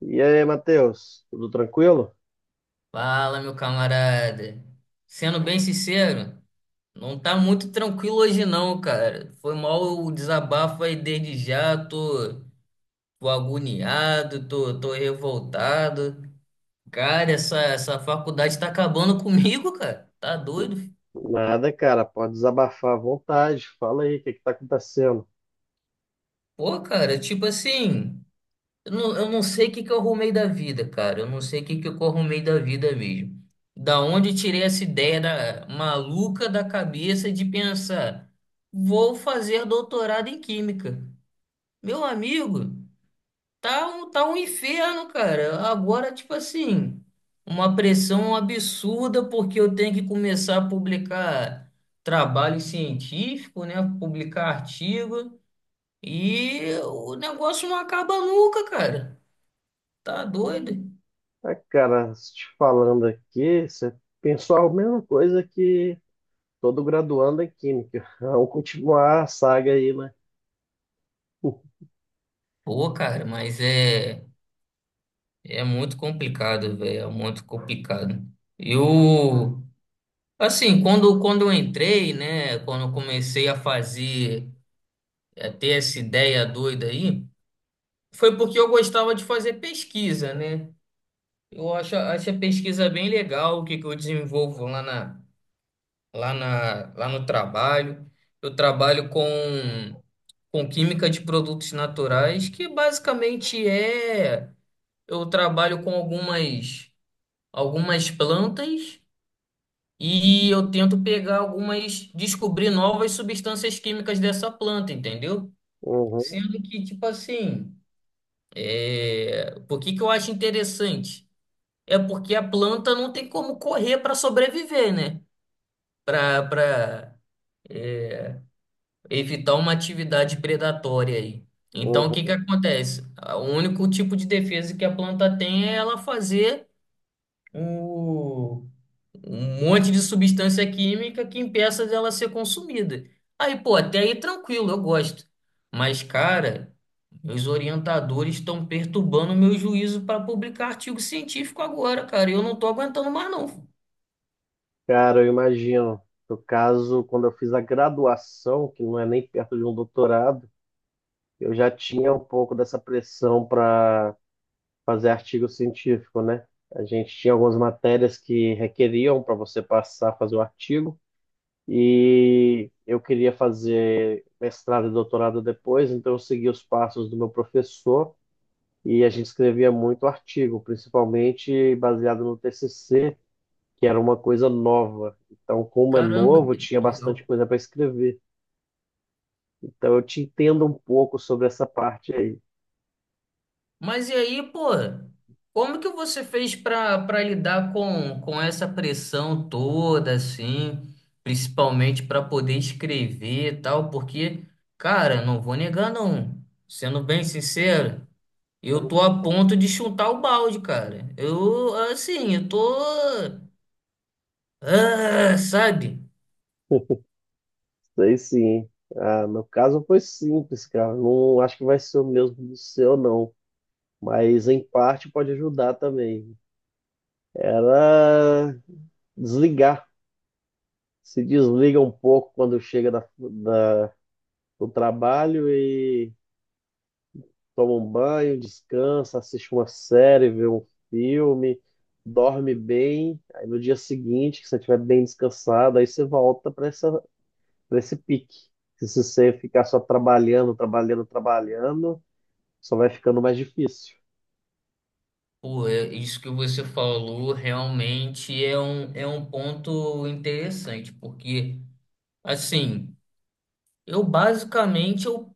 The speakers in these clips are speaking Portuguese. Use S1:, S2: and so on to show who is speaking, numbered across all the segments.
S1: E aí, Matheus, tudo tranquilo?
S2: Fala, meu camarada. Sendo bem sincero, não tá muito tranquilo hoje não, cara. Foi mal o desabafo aí desde já, tô agoniado, tô revoltado. Cara, essa faculdade tá acabando comigo, cara. Tá doido?
S1: Nada, cara, pode desabafar à vontade. Fala aí, o que que tá acontecendo?
S2: Pô, cara, tipo assim. Eu não sei o que que eu arrumei da vida, cara. Eu não sei o que que eu arrumei da vida mesmo. Da onde eu tirei essa ideia maluca da cabeça de pensar, vou fazer doutorado em química. Meu amigo, tá um inferno, cara. Agora, tipo assim, uma pressão absurda porque eu tenho que começar a publicar trabalho científico, né? Publicar artigo. E o negócio não acaba nunca, cara. Tá doido?
S1: Ah, cara, te falando aqui, você pensou a mesma coisa que todo graduando em Química. Vamos continuar a saga aí, né?
S2: Pô, cara, mas é muito complicado, velho, é muito complicado. Eu, assim, quando eu entrei, né, quando eu comecei a fazer, a ter essa ideia doida aí, foi porque eu gostava de fazer pesquisa, né? Eu acho a pesquisa bem legal, o que que eu desenvolvo lá no trabalho. Eu trabalho com química de produtos naturais, que basicamente é, eu trabalho com algumas plantas e eu tento pegar algumas, descobrir novas substâncias químicas dessa planta, entendeu?
S1: Uhum,
S2: Sendo que, tipo assim, por que que eu acho interessante? É porque a planta não tem como correr para sobreviver, né? Para evitar uma atividade predatória aí. Então, o que que
S1: uhum.
S2: acontece? O único tipo de defesa que a planta tem é ela fazer o um monte de substância química que impeça dela ser consumida. Aí, pô, até aí tranquilo, eu gosto. Mas, cara, meus orientadores estão perturbando o meu juízo para publicar artigo científico agora, cara. E eu não tô aguentando mais, não.
S1: Cara, eu imagino. No caso, quando eu fiz a graduação, que não é nem perto de um doutorado, eu já tinha um pouco dessa pressão para fazer artigo científico, né? A gente tinha algumas matérias que requeriam para você passar, fazer o artigo, e eu queria fazer mestrado e doutorado depois, então eu segui os passos do meu professor e a gente escrevia muito artigo, principalmente baseado no TCC, que era uma coisa nova. Então, como é
S2: Caramba,
S1: novo,
S2: que
S1: tinha bastante
S2: legal.
S1: coisa para escrever. Então, eu te entendo um pouco sobre essa parte aí.
S2: Mas e aí, pô, como que você fez para lidar com essa pressão toda, assim, principalmente para poder escrever e tal? Porque, cara, não vou negar, não. Sendo bem sincero, eu tô a ponto de chutar o balde, cara. Eu, assim, eu tô. Ah, sabe?
S1: Sei sim. Ah, meu caso foi simples, cara. Não acho que vai ser o mesmo do seu, não. Mas em parte pode ajudar também. Era desligar. Se desliga um pouco quando chega do trabalho e toma um banho, descansa, assiste uma série, vê um filme, dorme bem. Aí no dia seguinte, que você estiver bem descansado, aí você volta para esse pique. Se você ficar só trabalhando, trabalhando, trabalhando. Só vai ficando mais difícil.
S2: Pô, isso que você falou realmente é um ponto interessante, porque, assim. Eu basicamente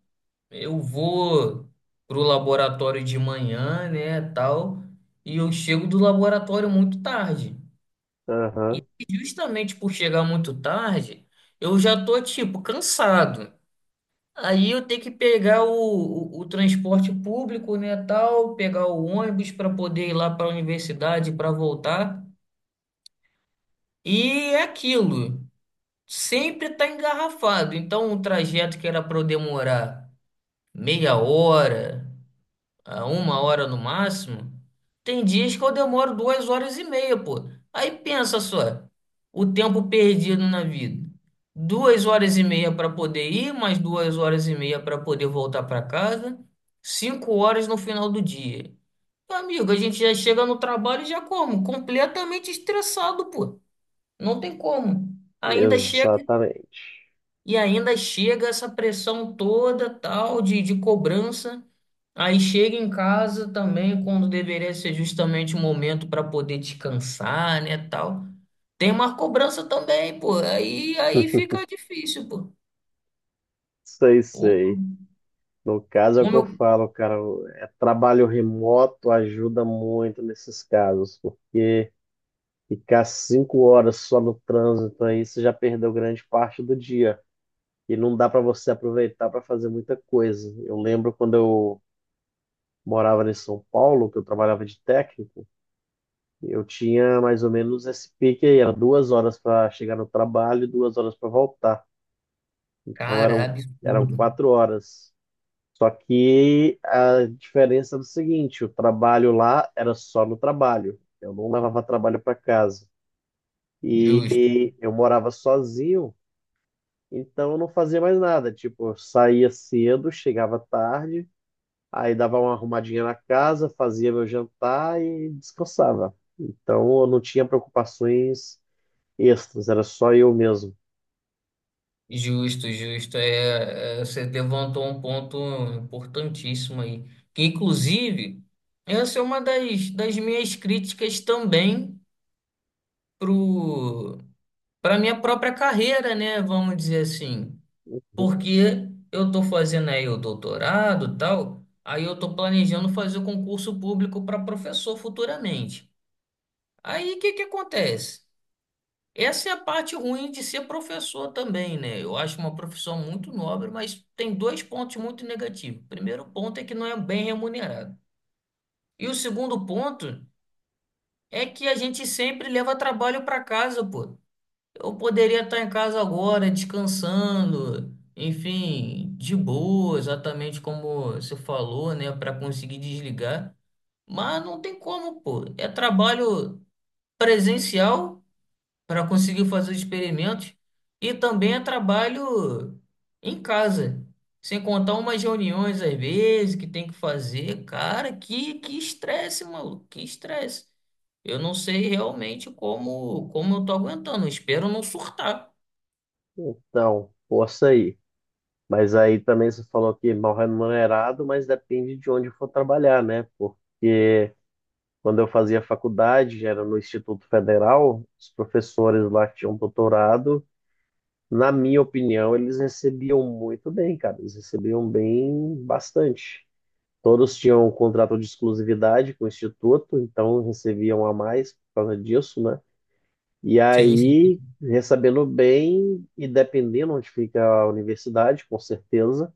S2: eu vou pro laboratório de manhã, né, tal, e eu chego do laboratório muito tarde.
S1: Aham,
S2: E justamente por chegar muito tarde, eu já tô tipo cansado. Aí eu tenho que pegar o transporte público, né, tal, pegar o ônibus para poder ir lá para a universidade para voltar. E é aquilo, sempre tá engarrafado. Então o trajeto que era para eu demorar meia hora a uma hora no máximo, tem dias que eu demoro duas horas e meia, pô. Aí pensa só, o tempo perdido na vida. Duas horas e meia para poder ir, mais duas horas e meia para poder voltar para casa, 5 horas no final do dia. Amigo, a gente já chega no trabalho e já como? Completamente estressado, pô. Não tem como. Ainda chega
S1: exatamente.
S2: ainda chega essa pressão toda, tal, de cobrança. Aí chega em casa também, quando deveria ser justamente o momento para poder descansar, né, tal. Tem uma cobrança também, pô. Aí fica difícil, pô.
S1: Sei,
S2: Pô,
S1: sei. No caso é o que
S2: como
S1: eu
S2: eu...
S1: falo, cara. É trabalho remoto ajuda muito nesses casos, pô. Ficar 5 horas só no trânsito aí, você já perdeu grande parte do dia. E não dá para você aproveitar para fazer muita coisa. Eu lembro quando eu morava em São Paulo, que eu trabalhava de técnico, eu tinha mais ou menos esse pique aí, era 2 horas para chegar no trabalho e 2 horas para voltar. Então
S2: Cara,
S1: eram
S2: absurdo.
S1: 4 horas. Só que a diferença era o seguinte: o trabalho lá era só no trabalho. Eu não levava trabalho para casa. E,
S2: Justo,
S1: e eu morava sozinho, então eu não fazia mais nada. Tipo, eu saía cedo, chegava tarde, aí dava uma arrumadinha na casa, fazia meu jantar e descansava. Então eu não tinha preocupações extras, era só eu mesmo.
S2: justo, justo. É, você levantou um ponto importantíssimo aí. Que, inclusive, essa é uma das minhas críticas também pro para minha própria carreira, né? Vamos dizer assim. Porque eu estou fazendo aí o doutorado, tal, aí eu estou planejando fazer o concurso público para professor futuramente. Aí o que que acontece? Essa é a parte ruim de ser professor também, né? Eu acho uma profissão muito nobre, mas tem dois pontos muito negativos. O primeiro ponto é que não é bem remunerado. E o segundo ponto é que a gente sempre leva trabalho para casa, pô. Eu poderia estar em casa agora, descansando, enfim, de boa, exatamente como você falou, né, para conseguir desligar. Mas não tem como, pô. É trabalho presencial para conseguir fazer os experimentos e também é trabalho em casa. Sem contar umas reuniões às vezes que tem que fazer. Cara, que estresse, maluco, que estresse. Eu não sei realmente como eu tô aguentando. Eu espero não surtar.
S1: Então, força aí. Mas aí também você falou que mal remunerado, mas depende de onde for trabalhar, né? Porque quando eu fazia faculdade, era no Instituto Federal, os professores lá que tinham doutorado, na minha opinião, eles recebiam muito bem, cara. Eles recebiam bem bastante. Todos tinham um contrato de exclusividade com o Instituto, então recebiam a mais por causa disso, né? E
S2: Sim, sim.
S1: aí, recebendo bem, e dependendo onde fica a universidade, com certeza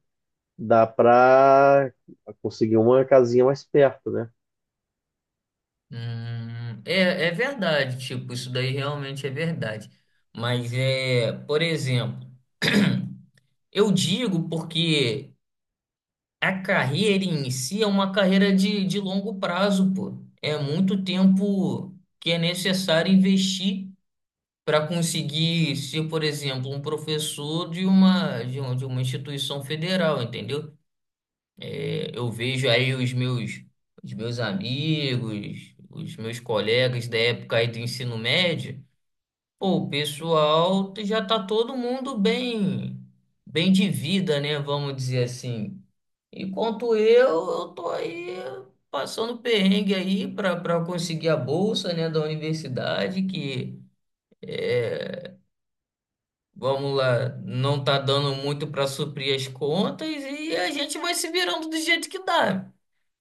S1: dá pra conseguir uma casinha mais perto, né?
S2: É verdade, tipo, isso daí realmente é verdade. Mas é, por exemplo, eu digo porque a carreira em si é uma carreira de longo prazo, pô. É muito tempo que é necessário investir para conseguir ser, por exemplo, um professor de uma instituição federal, entendeu? É, eu vejo aí os meus, amigos, os meus colegas da época aí do ensino médio. Pô, o pessoal já tá todo mundo bem de vida, né? Vamos dizer assim. Enquanto eu tô aí passando perrengue aí para conseguir a bolsa, né, da universidade, que é, vamos lá, não tá dando muito para suprir as contas e a gente vai se virando do jeito que dá.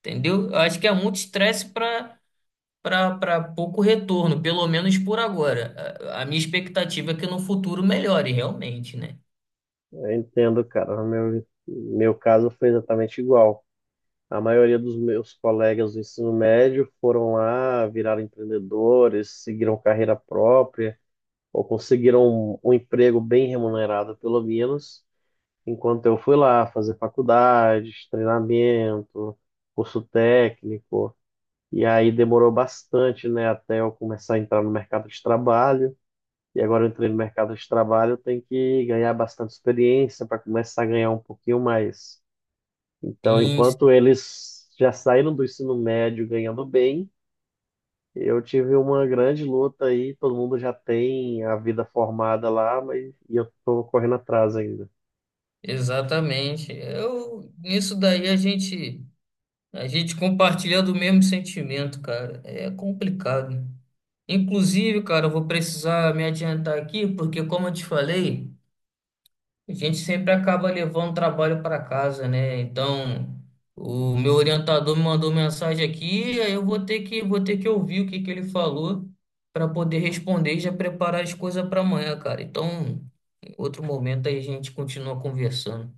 S2: Entendeu? Eu acho que é muito estresse para pouco retorno, pelo menos por agora. A minha expectativa é que no futuro melhore, realmente, né?
S1: Eu entendo, cara. No meu caso foi exatamente igual. A maioria dos meus colegas do ensino médio foram lá, viraram empreendedores, seguiram carreira própria, ou conseguiram um emprego bem remunerado, pelo menos, enquanto eu fui lá fazer faculdades, treinamento, curso técnico. E aí demorou bastante, né, até eu começar a entrar no mercado de trabalho. E agora eu entrei no mercado de trabalho, eu tenho que ganhar bastante experiência para começar a ganhar um pouquinho mais. Então,
S2: Sim,
S1: enquanto eles já saíram do ensino médio ganhando bem, eu tive uma grande luta aí, todo mundo já tem a vida formada lá, mas e eu tô correndo atrás ainda.
S2: exatamente. Eu, nisso daí a gente compartilha do mesmo sentimento, cara. É complicado. Inclusive, cara, eu vou precisar me adiantar aqui, porque como eu te falei, a gente sempre acaba levando o trabalho para casa, né? Então, o meu orientador me mandou mensagem aqui, aí eu vou ter que ouvir o que que ele falou para poder responder e já preparar as coisas para amanhã, cara. Então, em outro momento aí a gente continua conversando.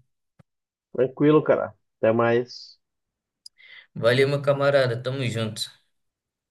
S1: Tranquilo, cara. Até mais.
S2: Valeu, meu camarada, tamo junto.